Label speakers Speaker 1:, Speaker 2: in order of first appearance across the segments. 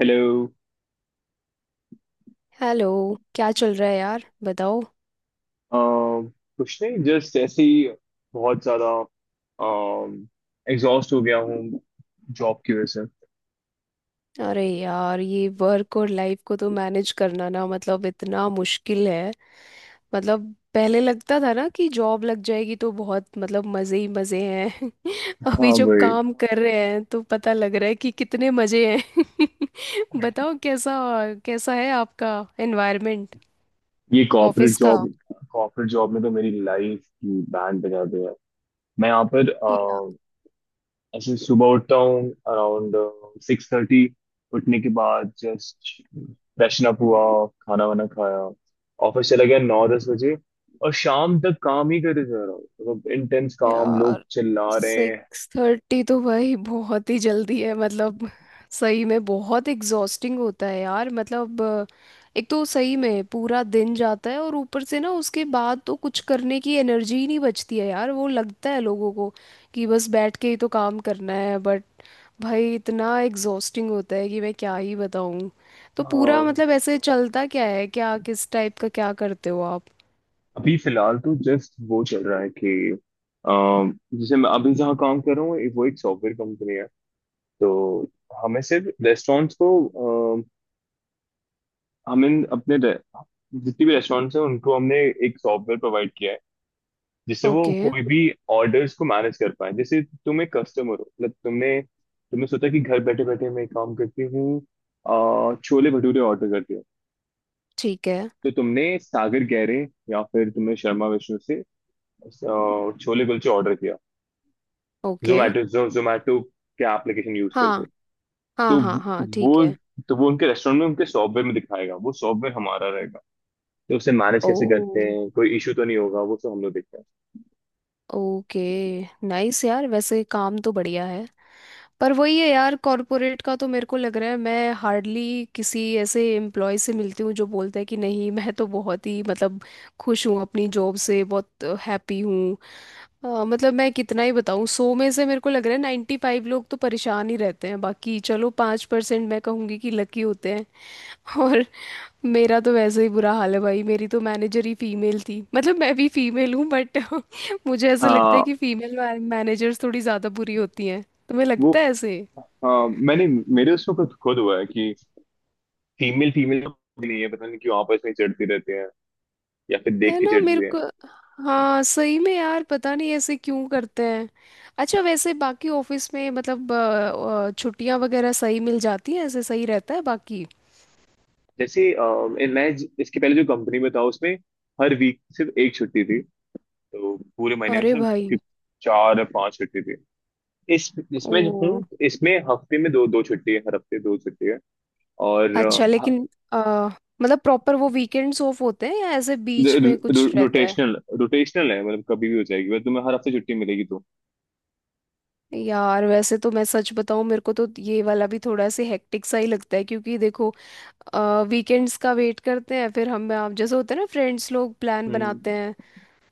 Speaker 1: Hello.
Speaker 2: Hello. क्या चल रहा है यार, बताओ।
Speaker 1: अम, कुछ नहीं, जस्ट ऐसे ही। बहुत ज्यादा एग्जॉस्ट हो गया हूँ जॉब की वजह से।
Speaker 2: अरे यार, ये वर्क और लाइफ को तो मैनेज करना ना, मतलब इतना मुश्किल है। मतलब पहले लगता था ना कि जॉब लग जाएगी तो बहुत, मतलब मज़े ही मज़े हैं। अभी
Speaker 1: हाँ
Speaker 2: जब
Speaker 1: भाई।
Speaker 2: काम कर रहे हैं तो पता लग रहा है कि कितने मज़े हैं। बताओ कैसा, कैसा है आपका एनवायरनमेंट,
Speaker 1: ये
Speaker 2: ऑफिस का।
Speaker 1: कॉर्पोरेट जॉब में तो मेरी लाइफ की बैंड बजा दी है। मैं यहाँ पर ऐसे सुबह उठता हूँ अराउंड 6:30। उठने के बाद जस्ट फ्रेशन अप हुआ, खाना वाना खाया, ऑफिस चला गया 9-10 बजे। और शाम तक काम ही करते जा रहा हूँ, मतलब इंटेंस काम, लोग
Speaker 2: यार
Speaker 1: चिल्ला रहे हैं।
Speaker 2: सिक्स थर्टी तो भाई बहुत ही जल्दी है। मतलब सही में बहुत एग्जॉस्टिंग होता है यार, मतलब एक तो सही में पूरा दिन जाता है और ऊपर से ना, उसके बाद तो कुछ करने की एनर्जी ही नहीं बचती है यार। वो लगता है लोगों को कि बस बैठ के ही तो काम करना है, बट भाई इतना एग्जॉस्टिंग होता है कि मैं क्या ही बताऊँ। तो पूरा
Speaker 1: हाँ,
Speaker 2: मतलब ऐसे चलता क्या है, क्या किस टाइप का क्या करते हो आप।
Speaker 1: अभी फिलहाल तो जस्ट वो चल रहा है कि अम, जैसे मैं अभी जहाँ काम कर रहा हूँ वो एक सॉफ्टवेयर कंपनी है तो हमें सिर्फ रेस्टोरेंट्स को, अम, हमें अपने रे- जितनी भी रेस्टोरेंट्स हैं उनको हमने एक सॉफ्टवेयर प्रोवाइड किया है, जिससे वो
Speaker 2: ओके।
Speaker 1: कोई भी ऑर्डर्स को मैनेज कर पाए। जैसे तुम एक कस्टमर हो, मतलब तुमने तुमने सोचा कि घर बैठे बैठे मैं एक काम करती हूँ, छोले भटूरे ऑर्डर करती हूँ।
Speaker 2: ठीक है।
Speaker 1: तो तुमने सागर गहरे, या फिर तुमने शर्मा विष्णु से छोले कुलचे ऑर्डर किया,
Speaker 2: ओके।
Speaker 1: जोमेटो के एप्लीकेशन यूज करके।
Speaker 2: हाँ, हाँ,
Speaker 1: तो
Speaker 2: हाँ, हाँ,
Speaker 1: वो
Speaker 2: ठीक है।
Speaker 1: तो वो उनके रेस्टोरेंट में, उनके सॉफ्टवेयर में दिखाएगा। वो सॉफ्टवेयर हमारा रहेगा, तो उसे मैनेज कैसे करते
Speaker 2: ओ,
Speaker 1: हैं, कोई इशू तो नहीं होगा, वो सब हम लोग देखते हैं।
Speaker 2: ओके। नाइस यार, वैसे काम तो बढ़िया है। पर वही है यार, कॉरपोरेट का तो मेरे को लग रहा है मैं हार्डली किसी ऐसे एम्प्लॉय से मिलती हूँ जो बोलता है कि नहीं। मैं तो बहुत ही मतलब खुश हूँ अपनी जॉब से, बहुत हैप्पी हूँ। मतलब मैं कितना ही बताऊँ, 100 में से मेरे को लग रहा है 95 लोग तो परेशान ही रहते हैं, बाकी चलो 5% मैं कहूँगी कि लकी होते हैं। और मेरा तो वैसे ही बुरा हाल है भाई। मेरी तो मैनेजर ही फीमेल थी, मतलब मैं भी फीमेल हूँ, बट मुझे ऐसा लगता है
Speaker 1: आ,
Speaker 2: कि फीमेल मैनेजर्स थोड़ी ज़्यादा बुरी होती हैं। तुम्हें
Speaker 1: वो
Speaker 2: लगता है ऐसे?
Speaker 1: हाँ, मैंने, मेरे उसमें खुद खुद हुआ है कि फीमेल फीमेल नहीं है, पता नहीं क्यों आपस में चिढ़ती रहती है, या फिर देख
Speaker 2: है
Speaker 1: के
Speaker 2: ना? मेरे
Speaker 1: चिढ़ती है।
Speaker 2: को हाँ, सही में यार, पता नहीं ऐसे क्यों करते हैं। अच्छा वैसे बाकी ऑफिस में मतलब छुट्टियां वगैरह सही मिल जाती हैं, ऐसे सही रहता है बाकी?
Speaker 1: जैसे इसके पहले जो कंपनी में था उसमें हर वीक सिर्फ एक छुट्टी थी, तो पूरे महीने में
Speaker 2: अरे भाई।
Speaker 1: सिर्फ चार या पांच छुट्टी थी। इस इसमें जो
Speaker 2: ओ
Speaker 1: हूँ इसमें हफ्ते में दो दो छुट्टी है, हर हफ्ते दो छुट्टी है। और
Speaker 2: अच्छा, लेकिन मतलब प्रॉपर वो वीकेंड्स ऑफ होते हैं या ऐसे बीच में कुछ रहता है?
Speaker 1: रोटेशनल रोटेशनल है, मतलब कभी भी हो जाएगी, मतलब तुम्हें हर हफ्ते छुट्टी मिलेगी तो।
Speaker 2: यार वैसे तो मैं सच बताऊं, मेरे को तो ये वाला भी थोड़ा सा हेक्टिक सा ही लगता है, क्योंकि देखो वीकेंड्स का वेट करते हैं, फिर हम आप जैसे होते हैं ना फ्रेंड्स लोग प्लान बनाते
Speaker 1: हम्म।
Speaker 2: हैं।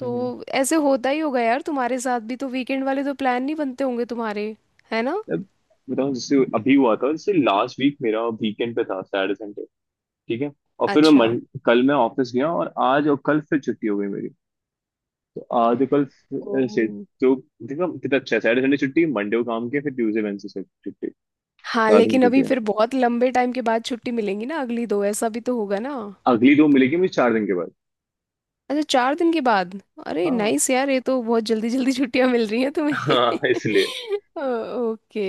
Speaker 2: तो
Speaker 1: हम्म।
Speaker 2: ऐसे होता ही होगा यार तुम्हारे साथ भी, तो वीकेंड वाले तो प्लान नहीं बनते होंगे तुम्हारे, है ना?
Speaker 1: अब बताओ, जैसे अभी हुआ था, जैसे लास्ट वीक मेरा वीकेंड पे था, सैटरडे संडे। ठीक है। और फिर
Speaker 2: अच्छा।
Speaker 1: कल मैं ऑफिस गया और आज और कल फिर छुट्टी हो गई मेरी। तो आज और कल फिर से।
Speaker 2: ओह
Speaker 1: तो देखो कितना अच्छा है, सैटरडे संडे छुट्टी, मंडे को काम किया, फिर ट्यूसडे वेडनेसडे से छुट्टी।
Speaker 2: हाँ,
Speaker 1: चार दिन की
Speaker 2: लेकिन
Speaker 1: छुट्टी
Speaker 2: अभी
Speaker 1: है,
Speaker 2: फिर बहुत लंबे टाइम के बाद छुट्टी मिलेंगी ना अगली दो, ऐसा भी तो होगा ना।
Speaker 1: अगली दो मिलेगी मुझे चार दिन के बाद।
Speaker 2: अच्छा, 4 दिन के बाद। अरे
Speaker 1: हाँ,
Speaker 2: नाइस यार, ये तो बहुत जल्दी जल्दी छुट्टियां मिल रही हैं तुम्हें।
Speaker 1: हाँ, इसलिए।
Speaker 2: Okay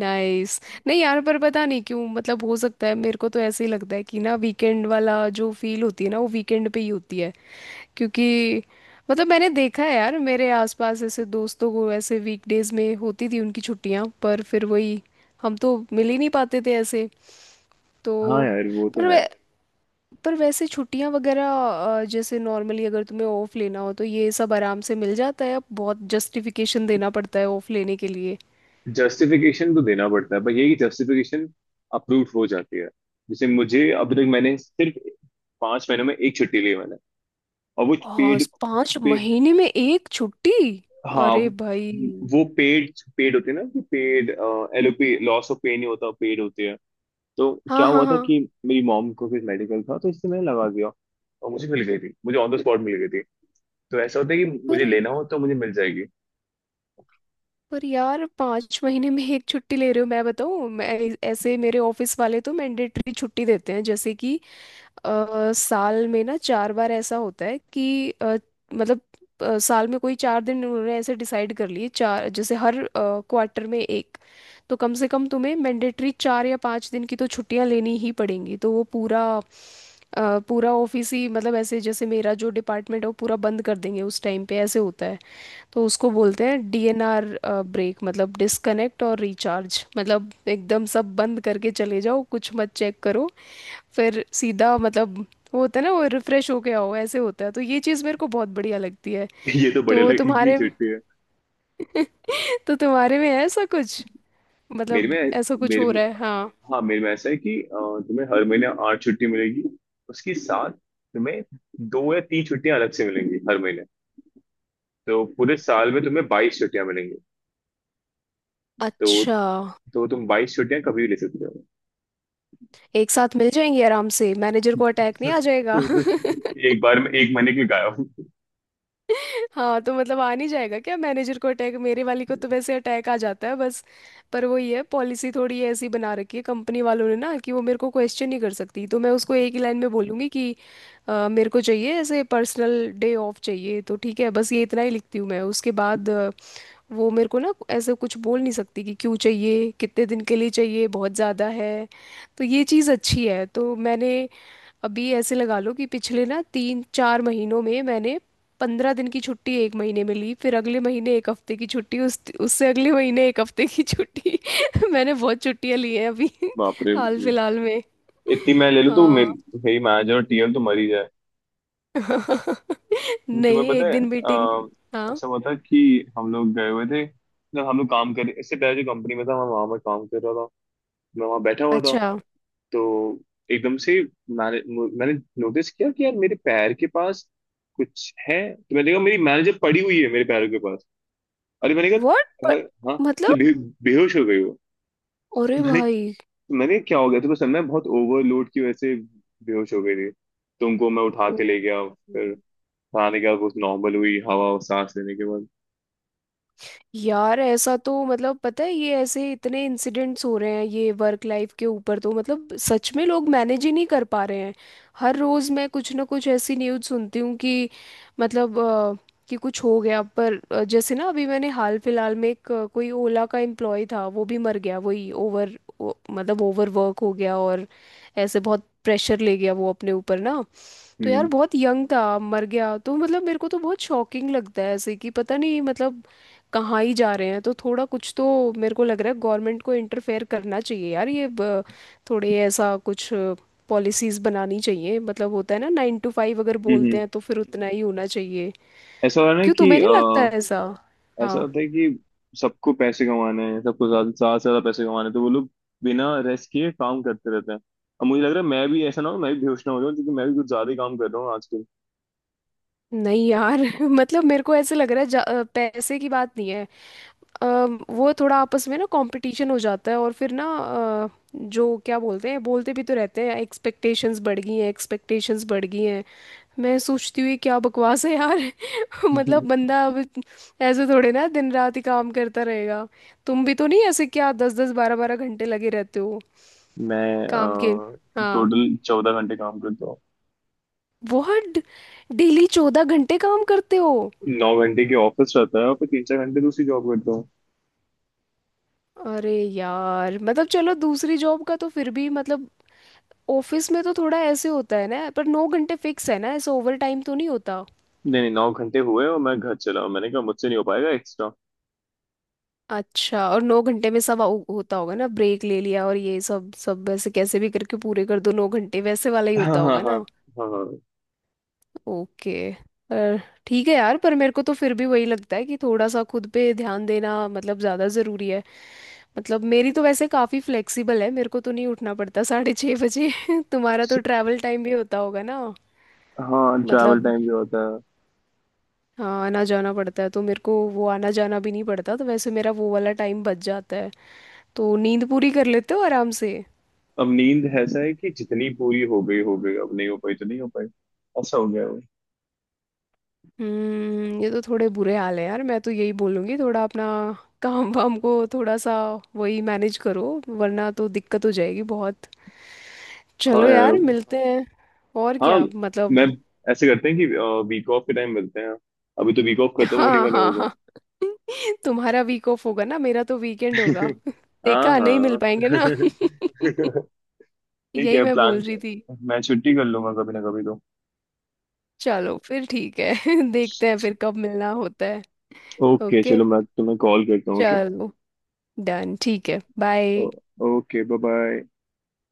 Speaker 2: nice. नहीं यार, पर पता नहीं क्यों, मतलब हो सकता है मेरे को तो ऐसे ही लगता है कि ना, वीकेंड वाला जो फील होती है ना, वो वीकेंड पे ही होती है। क्योंकि मतलब मैंने देखा है यार, मेरे आसपास ऐसे दोस्तों को ऐसे वीकडेज में होती थी उनकी छुट्टियां, पर फिर वही, हम तो मिल ही नहीं पाते थे ऐसे। तो
Speaker 1: हाँ यार, वो तो
Speaker 2: पर
Speaker 1: है।
Speaker 2: वे- पर वैसे छुट्टियां वगैरह, जैसे नॉर्मली अगर तुम्हें ऑफ लेना हो तो ये सब आराम से मिल जाता है? अब बहुत जस्टिफिकेशन देना पड़ता है ऑफ लेने के लिए?
Speaker 1: जस्टिफिकेशन तो देना पड़ता है, पर ये कि जस्टिफिकेशन अप्रूव हो जाती है। जैसे मुझे, अब तक मैंने सिर्फ 5 महीनों में एक छुट्टी ली है मैंने। और वो
Speaker 2: और
Speaker 1: पेड।
Speaker 2: पांच
Speaker 1: पेड।
Speaker 2: महीने में एक छुट्टी?
Speaker 1: हाँ,
Speaker 2: अरे भाई।
Speaker 1: वो पेड। पेड होती है, ना कि paid LOP, loss of pay नहीं होता, पेड होती है। तो
Speaker 2: हाँ,
Speaker 1: क्या
Speaker 2: हाँ,
Speaker 1: हुआ था
Speaker 2: हाँ।
Speaker 1: कि मेरी मॉम को कुछ मेडिकल था, तो इससे मैंने लगा दिया। और मुझे मिल गई थी, मुझे ऑन द स्पॉट मिल गई थी। तो ऐसा होता है कि
Speaker 2: पर
Speaker 1: मुझे लेना हो तो मुझे मिल जाएगी।
Speaker 2: पर यार 5 महीने में एक छुट्टी ले रहे हो? मैं बताऊँ, मैं ऐसे मेरे ऑफिस वाले तो मैंडेटरी छुट्टी देते हैं, जैसे कि साल में ना 4 बार ऐसा होता है कि मतलब साल में कोई 4 दिन उन्होंने ऐसे डिसाइड कर लिए, चार, जैसे हर क्वार्टर में एक। तो कम से कम तुम्हें मैंडेटरी 4 या 5 दिन की तो छुट्टियां लेनी ही पड़ेंगी, तो वो पूरा पूरा ऑफिस ही, मतलब ऐसे जैसे मेरा जो डिपार्टमेंट है वो पूरा बंद कर देंगे उस टाइम पे, ऐसे होता है। तो उसको बोलते हैं डीएनआर ब्रेक, मतलब डिस्कनेक्ट और रिचार्ज, मतलब एकदम सब बंद करके चले जाओ, कुछ मत चेक करो। फिर सीधा मतलब वो होता है ना, वो रिफ्रेश होके आओ, ऐसे होता है। तो ये चीज़ मेरे को बहुत बढ़िया लगती है।
Speaker 1: ये तो बड़े
Speaker 2: तो
Speaker 1: लगे की
Speaker 2: तुम्हारे में?
Speaker 1: छुट्टी है।
Speaker 2: तो तुम्हारे में है ऐसा कुछ?
Speaker 1: मेरे
Speaker 2: मतलब
Speaker 1: में
Speaker 2: ऐसा कुछ
Speaker 1: मेरे
Speaker 2: हो रहा है, हाँ?
Speaker 1: हाँ, मेरे में ऐसा है कि तुम्हें हर महीने 8 छुट्टी मिलेगी, उसके साथ तुम्हें दो या तीन छुट्टियां अलग से मिलेंगी हर महीने। तो पूरे साल में तुम्हें 22 छुट्टियां मिलेंगी। तो
Speaker 2: अच्छा।
Speaker 1: तो तुम 22 छुट्टियां कभी भी ले सकते हो।
Speaker 2: एक साथ मिल जाएंगे आराम से, मैनेजर को अटैक नहीं आ जाएगा?
Speaker 1: एक बार में एक महीने के लिए गायब।
Speaker 2: हाँ, तो मतलब आ नहीं जाएगा क्या मैनेजर को अटैक? मेरे वाली को तो वैसे अटैक आ जाता है बस। पर वो ये है, पॉलिसी थोड़ी ऐसी बना रखी है कंपनी वालों ने ना कि वो मेरे को क्वेश्चन नहीं कर सकती। तो मैं उसको एक ही लाइन में बोलूँगी कि मेरे को चाहिए ऐसे, पर्सनल डे ऑफ चाहिए तो ठीक है, बस ये इतना ही लिखती हूँ मैं। उसके बाद वो मेरे को ना ऐसे कुछ बोल नहीं सकती कि क्यों चाहिए, कितने दिन के लिए चाहिए, बहुत ज़्यादा है। तो ये चीज़ अच्छी है। तो मैंने अभी ऐसे लगा लो कि पिछले ना तीन चार महीनों में मैंने 15 दिन की छुट्टी एक महीने में ली, फिर अगले महीने एक हफ्ते की छुट्टी, उस उससे अगले महीने एक हफ्ते की छुट्टी। मैंने बहुत छुट्टियां ली हैं अभी।
Speaker 1: बाप रे,
Speaker 2: हाल फिलहाल में।
Speaker 1: इतनी मैं ले लूँ तो
Speaker 2: हाँ।
Speaker 1: मेरी मैनेजर और TM तो मर ही जाए।
Speaker 2: नहीं
Speaker 1: तुम्हें पता
Speaker 2: एक
Speaker 1: है,
Speaker 2: दिन मीटिंग। हाँ
Speaker 1: ऐसा हुआ था कि हम लोग गए हुए थे, मतलब हम लोग काम कर, इससे पहले जो कंपनी में था, मैं वहां पर काम कर रहा था। मैं वहां बैठा हुआ था,
Speaker 2: अच्छा।
Speaker 1: तो एकदम से मैंने नोटिस किया कि यार मेरे पैर के पास कुछ है, तो मैंने कहा मेरी मैनेजर पड़ी हुई है मेरे पैरों के पास। अरे, मैंने कहा
Speaker 2: व्हाट?
Speaker 1: भाई, हाँ,
Speaker 2: मतलब?
Speaker 1: मतलब बेहोश हो गई वो।
Speaker 2: अरे
Speaker 1: मैंने
Speaker 2: भाई।
Speaker 1: मैंने कहा, क्या हो गया, तो बस मैं बहुत ओवरलोड की वजह से बेहोश हो गई थी। तो उनको मैं उठा
Speaker 2: ओ,
Speaker 1: के ले गया,
Speaker 2: हम्म।
Speaker 1: फिर खाने के बाद वो नॉर्मल हुई, हवा और सांस लेने के बाद।
Speaker 2: यार ऐसा तो, मतलब पता है, ये ऐसे इतने इंसिडेंट्स हो रहे हैं ये वर्क लाइफ के ऊपर। तो मतलब सच में लोग मैनेज ही नहीं कर पा रहे हैं। हर रोज मैं कुछ ना कुछ ऐसी न्यूज़ सुनती हूँ कि मतलब कि कुछ हो गया। पर जैसे ना अभी मैंने हाल फिलहाल में एक कोई ओला का एम्प्लॉय था, वो भी मर गया, वही ओवर मतलब ओवर वर्क हो गया, और ऐसे बहुत प्रेशर ले गया वो अपने ऊपर ना। तो यार
Speaker 1: हम्म।
Speaker 2: बहुत यंग था मर गया, तो मतलब मेरे को तो बहुत शॉकिंग लगता है, ऐसे कि पता नहीं मतलब कहाँ ही जा रहे हैं। तो थोड़ा कुछ तो मेरे को लग रहा है गवर्नमेंट को इंटरफेयर करना चाहिए यार, ये थोड़े ऐसा कुछ पॉलिसीज बनानी चाहिए। मतलब होता है ना 9 टू 5, अगर
Speaker 1: हम्म।
Speaker 2: बोलते
Speaker 1: हम्म।
Speaker 2: हैं तो फिर उतना ही होना चाहिए।
Speaker 1: ऐसा हो रहा है ना
Speaker 2: क्यों,
Speaker 1: कि,
Speaker 2: तुम्हें नहीं लगता है ऐसा?
Speaker 1: ऐसा होता है कि सबको पैसे कमाने हैं, सबको ज्यादा, ज्यादा से ज्यादा पैसे कमाने हैं, तो वो लोग बिना रेस्ट किए काम करते रहते हैं। अब मुझे लग रहा है मैं भी ऐसा ना हो, मैं भी बेहोश ना हो जाऊं, क्योंकि मैं भी कुछ ज्यादा ही काम कर रहा हूँ आजकल।
Speaker 2: नहीं यार। मतलब मेरे को ऐसे लग रहा है पैसे की बात नहीं है। अ, वो थोड़ा आपस में ना कंपटीशन हो जाता है, और फिर ना जो क्या बोलते हैं, बोलते भी तो रहते हैं एक्सपेक्टेशंस बढ़ गई हैं, एक्सपेक्टेशंस बढ़ गई हैं। मैं सोचती हुई क्या बकवास है यार। मतलब बंदा अब ऐसे थोड़े ना दिन रात ही काम करता रहेगा। तुम भी तो नहीं ऐसे क्या दस दस बारह बारह घंटे लगे रहते हो काम के?
Speaker 1: मैं
Speaker 2: हाँ?
Speaker 1: टोटल 14 घंटे काम करता हूँ।
Speaker 2: बहुत! डेली 14 घंटे काम करते हो?
Speaker 1: 9 घंटे की ऑफिस रहता है, और फिर तीन चार घंटे दूसरी जॉब करता हूँ।
Speaker 2: अरे यार, मतलब चलो दूसरी जॉब का तो फिर भी मतलब, ऑफिस में तो थोड़ा ऐसे होता है ना, पर 9 घंटे फिक्स है ना, ऐसे ओवर टाइम तो नहीं होता?
Speaker 1: नहीं नहीं, 9 घंटे हुए और मैं घर चला हूं, मैंने कहा मुझसे नहीं हो पाएगा एक्स्ट्रा।
Speaker 2: अच्छा, और 9 घंटे में सब होता होगा ना, ब्रेक ले लिया और ये सब सब ऐसे कैसे भी करके पूरे कर दो 9 घंटे वैसे वाला ही
Speaker 1: हाँ
Speaker 2: होता
Speaker 1: हाँ
Speaker 2: होगा
Speaker 1: हाँ।
Speaker 2: ना?
Speaker 1: हाँ
Speaker 2: ओके। पर ठीक है यार, पर मेरे को तो फिर भी वही लगता है कि थोड़ा सा खुद पे ध्यान देना मतलब ज़्यादा ज़रूरी है। मतलब मेरी तो वैसे काफ़ी फ्लेक्सिबल है, मेरे को तो नहीं उठना पड़ता 6:30 बजे। तुम्हारा तो ट्रैवल टाइम भी होता होगा ना,
Speaker 1: हाँ हाँ, ट्रैवल
Speaker 2: मतलब।
Speaker 1: टाइम जो होता है।
Speaker 2: हाँ, आना जाना पड़ता है तो, मेरे को वो आना जाना भी नहीं पड़ता, तो वैसे मेरा वो वाला टाइम बच जाता है। तो नींद पूरी कर लेते हो आराम से?
Speaker 1: अब नींद ऐसा है कि जितनी पूरी हो गई हो गई, अब नहीं हो पाई तो नहीं हो पाई। ऐसा हो गया वो।
Speaker 2: हम्म। ये तो थोड़े बुरे हाल है यार। मैं तो यही बोलूँगी थोड़ा अपना काम वाम को थोड़ा सा वही मैनेज करो, वरना तो दिक्कत हो जाएगी बहुत।
Speaker 1: हाँ
Speaker 2: चलो
Speaker 1: यार।
Speaker 2: यार मिलते हैं और,
Speaker 1: हाँ,
Speaker 2: क्या मतलब।
Speaker 1: मैं ऐसे करते हैं कि वीक ऑफ के टाइम मिलते हैं। अभी तो वीक ऑफ खत्म होने
Speaker 2: हाँ,
Speaker 1: वाला
Speaker 2: हाँ,
Speaker 1: होगा।
Speaker 2: हाँ। तुम्हारा वीक ऑफ होगा ना, मेरा तो वीकेंड होगा।
Speaker 1: हाँ,
Speaker 2: देखा नहीं मिल
Speaker 1: हाँ।
Speaker 2: पाएंगे ना।
Speaker 1: ठीक
Speaker 2: यही
Speaker 1: है,
Speaker 2: मैं बोल
Speaker 1: प्लान।
Speaker 2: रही थी।
Speaker 1: मैं छुट्टी कर लूंगा कभी ना कभी तो।
Speaker 2: चलो फिर ठीक है। देखते हैं फिर कब मिलना होता है।
Speaker 1: ओके
Speaker 2: ओके
Speaker 1: चलो, मैं तुम्हें कॉल करता हूँ। ओके।
Speaker 2: चलो। डन, ठीक है, बाय।
Speaker 1: Okay, bye bye.